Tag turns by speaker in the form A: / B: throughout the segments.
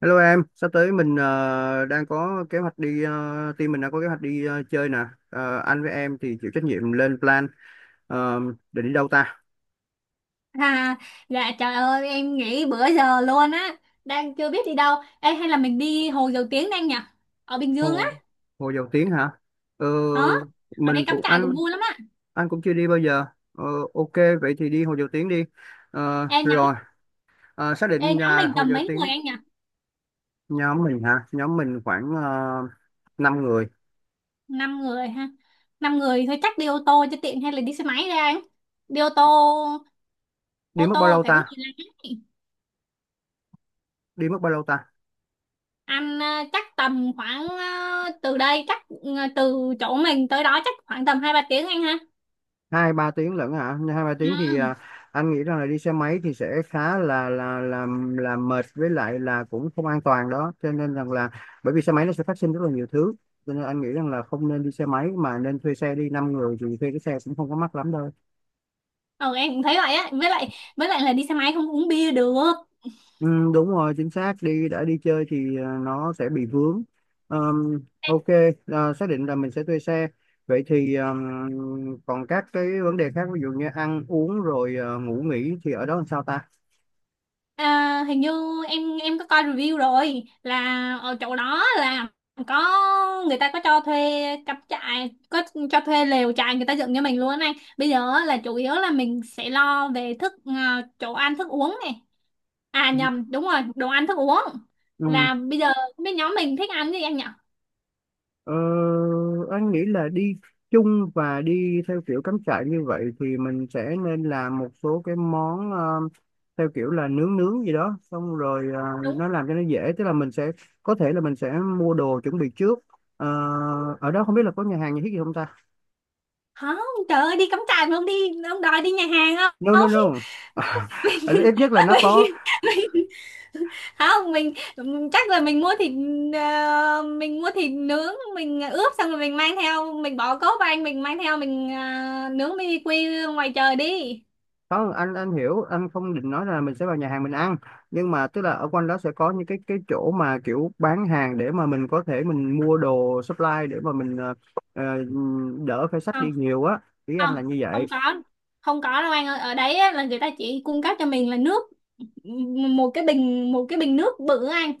A: Hello em, sắp tới mình đang có kế hoạch đi, team mình đang có kế hoạch đi chơi nè. Anh với em thì chịu trách nhiệm lên plan Ờ, để đi đâu ta?
B: À, dạ trời ơi em nghỉ bữa giờ luôn á, đang chưa biết đi đâu. Ê, hay là mình đi Hồ Dầu Tiếng đang nhỉ, ở Bình Dương á.
A: Hồ Hồ Dầu Tiếng hả? Ờ,
B: Đó, ở
A: mình
B: đây cắm
A: cũng
B: trại cũng
A: anh
B: vui lắm á.
A: anh cũng chưa đi bao giờ. Ờ, ok, vậy thì đi Hồ Dầu Tiếng đi.
B: Ê nhóm,
A: Rồi, xác
B: ê
A: định
B: nhóm
A: nhà
B: mình
A: Hồ
B: tầm
A: Dầu
B: mấy người
A: Tiếng.
B: anh nhỉ?
A: Nhóm mình hả? Nhóm mình khoảng uh, 5 người.
B: Năm người ha? Năm người thôi chắc đi ô tô cho tiện hay là đi xe máy ra anh? Đi ô tô,
A: Đi
B: ô
A: mất bao
B: tô
A: lâu
B: phải có
A: ta?
B: người lái.
A: Đi mất bao lâu ta?
B: Anh à, chắc tầm khoảng từ đây chắc từ chỗ mình tới đó chắc khoảng tầm hai ba tiếng anh ha.
A: 2-3 tiếng lận hả? hai ba
B: Ừ.
A: tiếng thì anh nghĩ rằng là đi xe máy thì sẽ khá là mệt, với lại là cũng không an toàn đó, cho nên rằng là bởi vì xe máy nó sẽ phát sinh rất là nhiều thứ, cho nên anh nghĩ rằng là không nên đi xe máy mà nên thuê xe. Đi 5 người thì thuê cái xe cũng không có mắc lắm đâu.
B: Ừ, em cũng thấy vậy á, với lại là đi xe máy không uống bia được.
A: Ừ, đúng rồi, chính xác, đi, đã đi chơi thì nó sẽ bị vướng.
B: Ê,
A: Ok, xác định là mình sẽ thuê xe. Vậy thì, còn các cái vấn đề khác ví dụ như ăn uống rồi ngủ nghỉ thì ở đó làm sao ta?
B: à, hình như em có coi review rồi, là ở chỗ đó là có người ta có cho thuê cắm trại, có cho thuê lều trại người ta dựng cho mình luôn á anh. Bây giờ á, là chủ yếu là mình sẽ lo về thức chỗ ăn thức uống này, à
A: Ừ.
B: nhầm, đúng rồi, đồ ăn thức uống.
A: Ừ.
B: Là bây giờ không biết nhóm mình thích ăn gì anh nhỉ?
A: Ờ, anh nghĩ là đi chung và đi theo kiểu cắm trại như vậy thì mình sẽ nên làm một số cái món, theo kiểu là nướng nướng gì đó xong rồi,
B: Đúng
A: nó làm cho nó dễ, tức là mình sẽ có thể là mình sẽ mua đồ chuẩn bị trước. Ờ, Ở đó không biết là có nhà hàng nhà thiết gì không ta?
B: không, trời ơi đi cắm trại mà không đi, ông đòi đi nhà hàng
A: No
B: không?
A: no no. Ờ,
B: Mình,
A: ít nhất là nó có.
B: mình, không mình chắc là mình mua thịt. Mình mua thịt nướng, mình ướp xong rồi mình mang theo, mình bỏ cốt vào anh, mình mang theo, mình nướng BBQ ngoài trời đi.
A: Không, anh, anh hiểu, anh không định nói là mình sẽ vào nhà hàng mình ăn, nhưng mà tức là ở quanh đó sẽ có những cái chỗ mà kiểu bán hàng để mà mình có thể mình mua đồ supply để mà mình ờ, đỡ phải xách
B: Không,
A: đi nhiều á. Ý anh
B: không
A: là như vậy.
B: không có, không có đâu anh ơi, ở đấy á, là người ta chỉ cung cấp cho mình là nước. Một cái bình, một cái bình nước bự á anh,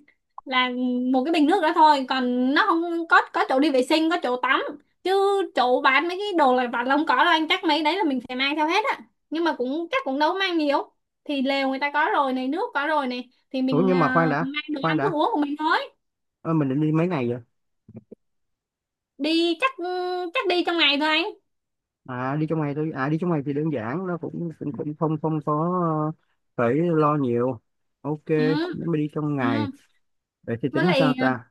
B: là một cái bình nước đó thôi. Còn nó không có chỗ đi vệ sinh, có chỗ tắm, chứ chỗ bán mấy cái đồ lặt vặt là không có đâu anh, chắc mấy đấy là mình phải mang theo hết á. Nhưng mà cũng chắc cũng đâu mang nhiều, thì lều người ta có rồi này, nước có rồi này, thì
A: Ủa
B: mình
A: nhưng mà khoan đã,
B: mang đồ
A: khoan
B: ăn thức
A: đã.
B: uống của mình thôi.
A: Ờ, mình định đi mấy ngày vậy?
B: Đi chắc, chắc đi trong ngày thôi anh.
A: À, đi trong ngày thôi à, đi trong ngày thì đơn giản, nó cũng cũng, cũng không không có ờ, phải lo nhiều. Ok.
B: Ừ.
A: Nếu mà đi trong
B: Ừ.
A: ngày vậy thì
B: Với
A: tính
B: lại
A: sao ta?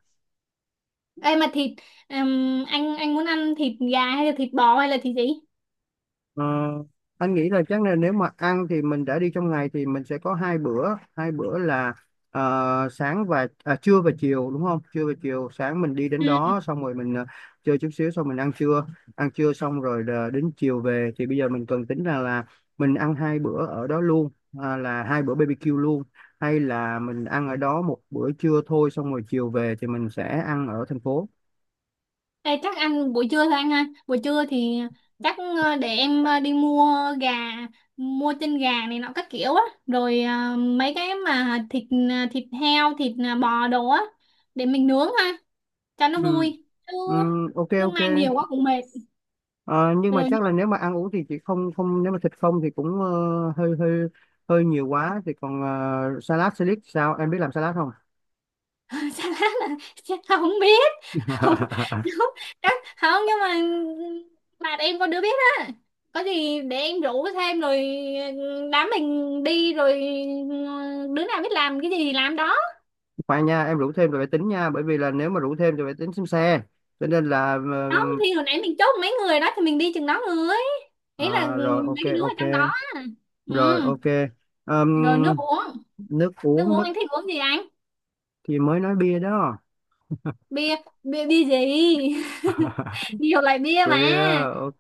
B: ê mà thịt, anh muốn ăn thịt gà hay là thịt bò hay là thịt gì?
A: Ờ, anh nghĩ là chắc là nếu mà ăn thì mình đã đi trong ngày thì mình sẽ có hai bữa. Hai bữa là sáng và trưa và chiều đúng không? Trưa và chiều. Sáng mình đi đến
B: Ừ.
A: đó xong rồi mình chơi chút xíu xong mình ăn trưa. Ăn trưa xong rồi là đến chiều về. Thì bây giờ mình cần tính ra là mình ăn hai bữa ở đó luôn, là hai bữa BBQ luôn, hay là mình ăn ở đó một bữa trưa thôi xong rồi chiều về thì mình sẽ ăn ở thành phố.
B: Ê, chắc ăn buổi trưa thôi anh ha. Buổi trưa thì chắc để em đi mua gà, mua chân gà này nọ các kiểu á, rồi mấy cái mà thịt, thịt heo, thịt bò đồ á, để mình nướng ha, cho nó
A: Ừ,
B: vui. Chứ,
A: ừ, ok
B: chứ
A: ok.
B: mang nhiều quá cũng mệt.
A: Ờ, nhưng mà
B: Rồi.
A: chắc là nếu mà ăn uống thì chị không, không, nếu mà thịt không thì cũng hơi hơi hơi nhiều quá thì còn, salad, salad sao, em biết làm salad không?
B: Salad là chắc không biết. Không, không. Đó, không, nhưng mà bạn em có đứa biết á, có gì để em rủ thêm rồi. Ừ, đám mình đi rồi, ừ, đứa nào biết làm cái gì thì làm đó.
A: Khoan nha, em rủ thêm rồi phải tính nha, bởi vì là nếu mà rủ thêm thì phải tính xem xe, cho nên là
B: Không thì hồi nãy mình chốt mấy người đó thì mình đi chừng đó người, ý là ừ,
A: ờ, rồi,
B: mấy
A: ok
B: cái đứa ở
A: ok.
B: trong đó. Ừ.
A: Rồi, ok.
B: Rồi, nước
A: Ờm,
B: uống,
A: Nước
B: nước
A: uống,
B: uống
A: nước
B: anh thích uống gì anh?
A: thì mới nói bia đó.
B: Bia, bia gì? Nhiều loại bia mà.
A: Bia, ok.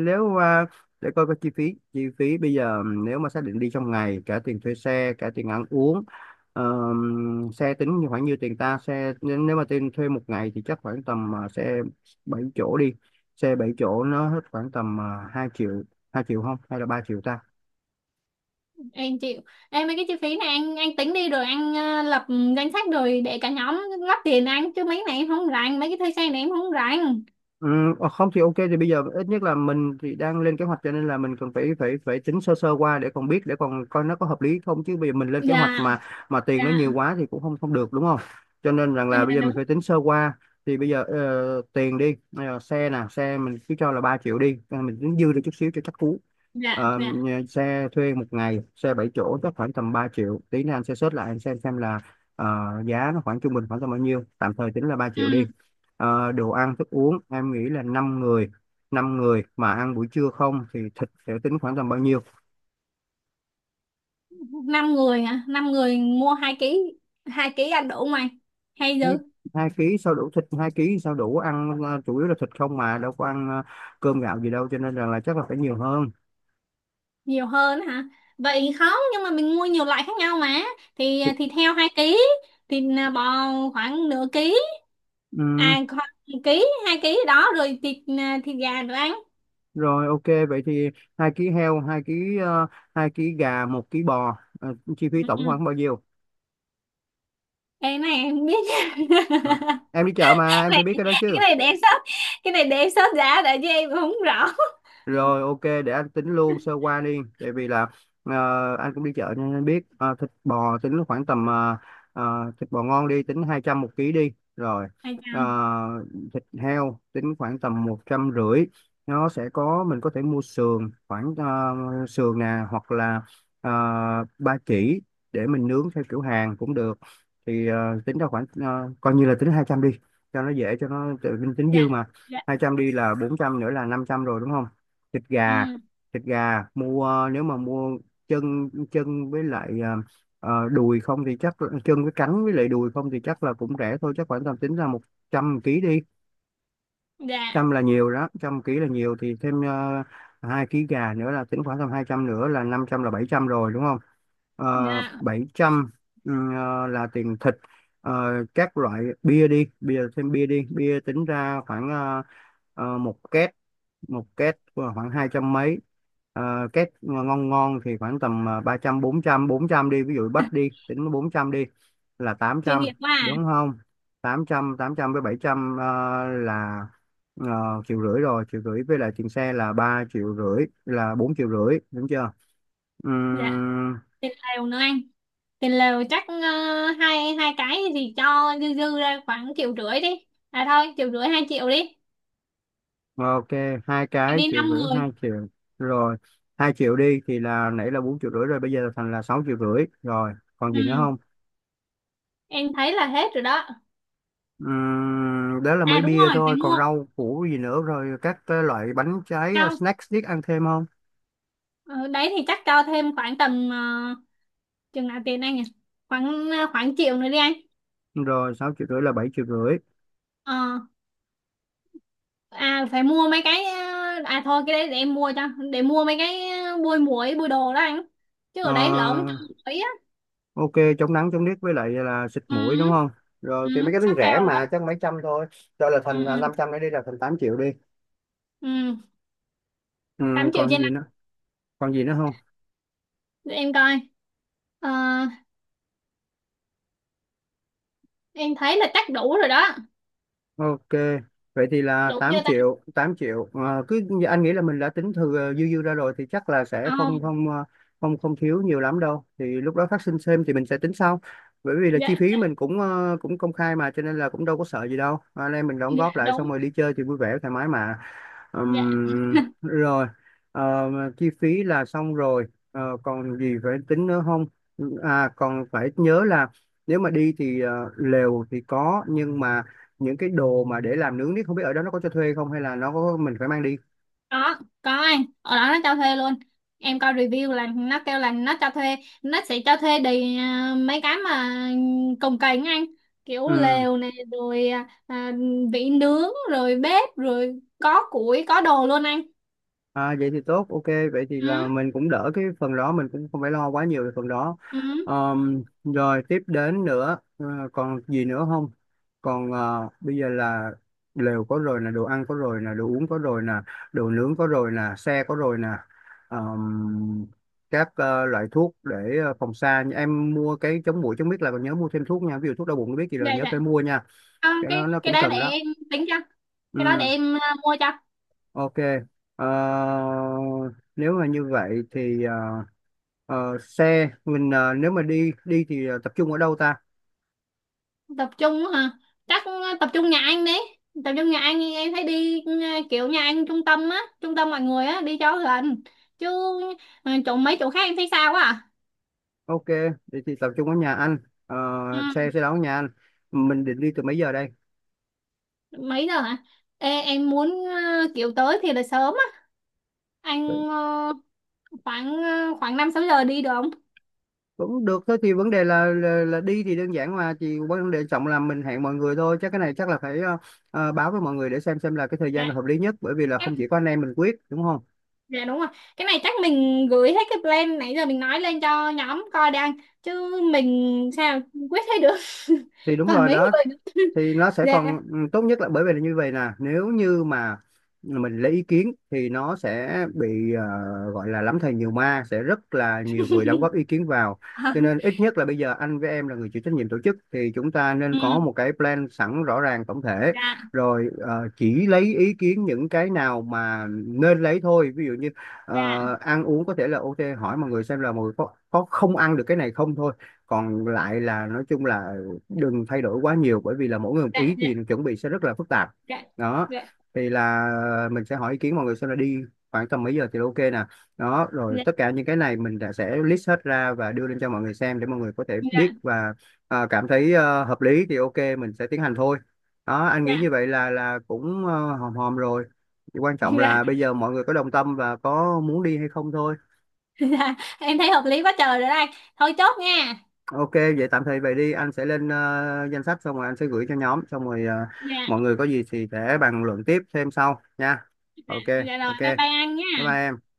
A: Nếu mà để coi cái chi phí bây giờ, nếu mà xác định đi trong ngày cả tiền thuê xe cả tiền ăn uống, xe tính như khoảng như tiền ta xe, nên nếu mà tiền thuê một ngày thì chắc khoảng tầm, xe 7 chỗ đi. Xe 7 chỗ nó hết khoảng tầm 2 triệu, 2 triệu không hay là 3 triệu ta?
B: Em chịu, em mấy cái chi phí này anh tính đi, rồi anh lập danh sách rồi để cả nhóm góp tiền anh, chứ mấy cái này em không rảnh, mấy cái thuê xe này em không rảnh.
A: Ừ, không thì ok, thì bây giờ ít nhất là mình thì đang lên kế hoạch cho nên là mình cần phải phải phải tính sơ sơ qua để còn biết, để còn coi nó có hợp lý không, chứ bây giờ mình lên kế hoạch
B: Dạ.
A: mà
B: Dạ.
A: tiền nó nhiều quá thì cũng không không được đúng không? Cho nên rằng
B: Ờ,
A: là bây
B: dạ
A: giờ mình phải
B: đúng.
A: tính sơ qua. Thì bây giờ tiền đi xe nè, xe mình cứ cho là 3 triệu đi. Ờ, mình tính dư được chút xíu cho chắc cú.
B: Dạ. Dạ.
A: Xe thuê một ngày, xe 7 chỗ chắc khoảng tầm 3 triệu, tí nữa anh sẽ search lại, anh xem là ờ, giá nó khoảng trung bình khoảng tầm bao nhiêu. Tạm thời tính là 3 triệu đi.
B: Ừ.
A: Đồ ăn thức uống em nghĩ là 5 người. Năm người mà ăn buổi trưa không thì thịt sẽ tính khoảng tầm bao nhiêu?
B: Năm người hả? Năm người mua hai ký, hai ký ăn đủ không anh, hay
A: hai
B: dư?
A: hai ký sao đủ, thịt hai ký sao đủ ăn, chủ yếu là thịt không mà đâu có ăn cơm gạo gì đâu, cho nên rằng là chắc là phải nhiều hơn.
B: Nhiều hơn hả? Vậy không, nhưng mà mình mua nhiều loại khác nhau mà, thì
A: Thì-
B: thì theo hai ký, thì là bò khoảng nửa ký,
A: ừm,
B: à khoảng ký hai ký đó, rồi thịt, thịt gà nữa anh.
A: rồi ok, vậy thì 2 ký heo, 2 ký 2 ký gà, 1 ký bò. Ờ, chi phí tổng
B: Ừ.
A: khoảng bao nhiêu?
B: Ê, cái này em không biết nha.
A: Ờ, em đi chợ mà
B: Cái
A: em phải
B: này,
A: biết cái đó chứ.
B: cái này để em sót cái này để em sót giá đã chứ em không rõ.
A: Rồi ok, để anh tính luôn sơ qua đi, tại vì là ờ, anh cũng đi chợ nên anh biết. Ờ, thịt bò tính khoảng tầm thịt bò ngon đi, tính 200 một ký đi, rồi
B: Hai
A: ờ,
B: trăm.
A: thịt heo tính khoảng tầm 150, nó sẽ có mình có thể mua sườn khoảng sườn nè, hoặc là ờ, ba chỉ, để mình nướng theo kiểu Hàn cũng được. Thì tính ra khoảng coi như là tính 200 đi, cho nó dễ, cho nó tính dư
B: Dạ.
A: mà.
B: Dạ.
A: Hai trăm đi là 400, nữa là 500 rồi đúng không? Thịt gà,
B: Ừ.
A: thịt gà mua, nếu mà mua chân chân với lại đùi không thì chắc, chân với cánh với lại đùi không thì chắc là cũng rẻ thôi, chắc khoảng tầm tính ra 100 ký đi.
B: Dạ.
A: Trăm là nhiều đó, trăm ký là nhiều thì thêm 2 ký gà nữa là tính khoảng tầm 200, nữa là năm trăm, là 700 rồi đúng không?
B: Dạ.
A: 700, là tiền thịt. Ờ, các loại bia đi, bia, thêm bia đi. Bia tính ra khoảng một két. Một két khoảng 200 mấy. Két ngon ngon thì khoảng tầm 300, 400, 400 đi, ví dụ bách đi, tính 400 đi là tám
B: Chuyên
A: trăm
B: nghiệp quá à.
A: đúng không? 800, 800 với 700 là 1,5 triệu rồi. 1,5 triệu với lại tiền xe là 3,5 triệu là 4,5 triệu đúng chưa?
B: Dạ.
A: Ừm,
B: Tiền lều nữa anh, tiền lều chắc hai hai cái thì cho dư dư ra khoảng triệu rưỡi đi, à thôi triệu rưỡi hai triệu đi.
A: ok, hai
B: Em
A: cái
B: đi
A: triệu
B: năm
A: rưỡi,
B: người.
A: 2 triệu rồi. 2 triệu đi thì là nãy là 4,5 triệu rồi, bây giờ thành là 6,5 triệu rồi. Còn gì nữa
B: Ừ,
A: không?
B: em thấy là hết rồi đó.
A: Đó là
B: À
A: mới
B: đúng
A: bia
B: rồi, phải
A: thôi, còn
B: mua.
A: rau củ gì nữa rồi các cái loại bánh trái,
B: Không,
A: snack snack ăn thêm không?
B: ờ, đấy thì chắc cho thêm khoảng tầm chừng nào tiền anh nhỉ, khoảng khoảng triệu nữa đi anh.
A: Rồi 6,5 triệu là 7,5 triệu.
B: Ờ. À phải mua mấy cái à, à thôi cái đấy để em mua cho, để mua mấy cái bôi muối bôi đồ đó anh, chứ
A: Ờ,
B: ở đấy lỡ mới cho muối á.
A: ok, chống nắng chống nước với lại là xịt mũi đúng
B: Ừ.
A: không? Rồi
B: Ừ.
A: thì mấy cái đó thì
B: Sắp
A: rẻ
B: fail rồi đó.
A: mà, chắc mấy trăm thôi. Rồi là
B: Ừ.
A: thành
B: Ừ.
A: 500 nữa đi là thành 8 triệu đi.
B: Ừ. tám triệu
A: Còn
B: trên
A: gì
B: năm.
A: nữa? Còn gì nữa không?
B: Để em coi. Ờ, em thấy là chắc đủ rồi đó.
A: Ok, vậy thì là
B: Đủ
A: 8
B: chưa ta?
A: triệu, 8 triệu. Cứ anh nghĩ là mình đã tính thừa, dư dư ra rồi thì chắc là sẽ không
B: Không.
A: không không không thiếu nhiều lắm đâu. Thì lúc đó phát sinh thêm thì mình sẽ tính sau. Bởi vì là chi
B: Dạ.
A: phí
B: Dạ.
A: mình cũng, cũng công khai mà, cho nên là cũng đâu có sợ gì đâu. Ờ, Anh em mình đóng
B: Dạ,
A: góp lại xong
B: đúng.
A: rồi đi chơi thì vui vẻ thoải mái mà.
B: Dạ.
A: Rồi. Ờ, chi phí là xong rồi. Còn gì phải tính nữa không? À, còn phải nhớ là nếu mà đi thì lều thì có, nhưng mà những cái đồ mà để làm nướng thì không biết ở đó nó có cho thuê không, hay là nó có mình phải mang đi.
B: có có anh, ở đó nó cho thuê luôn. Em coi review là nó kêu là nó cho thuê, nó sẽ cho thuê đầy à, mấy cái mà cồng kềnh anh, kiểu
A: Ừ.
B: lều này rồi à, vỉ nướng rồi bếp rồi có củi có đồ luôn anh.
A: Vậy thì tốt, ok. Vậy thì là
B: Ừ.
A: mình cũng đỡ cái phần đó, mình cũng không phải lo quá nhiều về phần đó.
B: Ừ.
A: Rồi tiếp đến nữa còn gì nữa không? Còn bây giờ là lều có rồi nè, đồ ăn có rồi nè, đồ uống có rồi nè, đồ nướng có rồi nè, xe có rồi nè. Ờm, các loại thuốc để phòng xa, em mua cái chống muỗi chống biết, là còn nhớ mua thêm thuốc nha, ví dụ thuốc đau bụng biết gì rồi
B: Dạ.
A: nhớ
B: Dạ.
A: phải mua nha,
B: Không,
A: cái đó
B: cái
A: nó
B: cái
A: cũng
B: đó để
A: cần đó.
B: em tính cho, cái đó để
A: Ừ.
B: em mua cho.
A: Ok. Ờ, nếu mà như vậy thì xe mình, nếu mà đi đi thì tập trung ở đâu ta?
B: Tập trung á hả? Chắc tập trung nhà anh đi. Tập trung nhà anh đi, em thấy đi ừ, kiểu nhà anh trung tâm á, trung tâm mọi người á, đi cho gần, chứ ừ, chỗ mấy chỗ khác em thấy sao quá.
A: Ok, thì tập trung ở nhà anh. Ờ, xe
B: À.
A: sẽ đón nhà anh. Mình định đi từ mấy giờ đây?
B: Ừ. Mấy giờ hả? Ê, em muốn kiểu tới thì là sớm á anh, khoảng khoảng năm sáu giờ đi được không?
A: Cũng được thôi, thì vấn đề là, là đi thì đơn giản mà, chỉ vấn đề trọng là mình hẹn mọi người thôi. Chắc cái này chắc là phải báo với mọi người để xem là cái thời gian là hợp lý nhất, bởi vì là
B: Dạ.
A: không chỉ có anh em mình quyết đúng không?
B: Dạ đúng rồi. Cái này chắc mình gửi hết cái plan nãy giờ mình nói lên cho nhóm coi đang, chứ mình sao quyết thấy được.
A: Thì đúng
B: Còn
A: rồi
B: mấy
A: đó,
B: người nữa.
A: thì nó sẽ
B: Dạ.
A: còn, ừ, tốt nhất là bởi vì là như vậy nè, nếu như mà mình lấy ý kiến thì nó sẽ bị, gọi là lắm thầy nhiều ma, sẽ rất là nhiều người đóng góp ý kiến vào.
B: Ờ.
A: Cho nên ít nhất là bây giờ anh với em là người chịu trách nhiệm tổ chức thì chúng ta nên
B: Ừ.
A: có một cái plan sẵn rõ ràng tổng thể,
B: Dạ.
A: rồi chỉ lấy ý kiến những cái nào mà nên lấy thôi. Ví dụ như
B: Dạ.
A: ăn uống có thể là ok, hỏi mọi người xem là mọi người có không ăn được cái này không thôi. Còn lại là nói chung là đừng thay đổi quá nhiều, bởi vì là mỗi người một
B: Dạ.
A: ý thì
B: Dạ.
A: chuẩn bị sẽ rất là phức tạp.
B: Dạ.
A: Đó
B: Dạ.
A: thì là mình sẽ hỏi ý kiến mọi người xem là đi khoảng tầm mấy giờ thì ok nè. Đó rồi
B: Dạ.
A: tất cả những cái này mình đã sẽ list hết ra và đưa lên cho mọi người xem, để mọi người có thể biết
B: Dạ.
A: và cảm thấy hợp lý thì ok, mình sẽ tiến hành thôi. Đó anh nghĩ
B: Dạ.
A: như vậy là cũng hòm hòm rồi. Thì quan trọng
B: Dạ.
A: là bây giờ mọi người có đồng tâm và có muốn đi hay không thôi.
B: Dạ. Em thấy hợp lý quá trời rồi đây. Thôi chốt nha.
A: Ok, vậy tạm thời vậy đi, anh sẽ lên danh sách xong rồi anh sẽ gửi cho nhóm, xong rồi
B: Dạ.
A: mọi người có gì thì sẽ bàn luận tiếp thêm sau nha.
B: Dạ.
A: Ok,
B: Dạ rồi,
A: ok.
B: bye
A: Bye
B: bye anh
A: bye
B: nha.
A: em.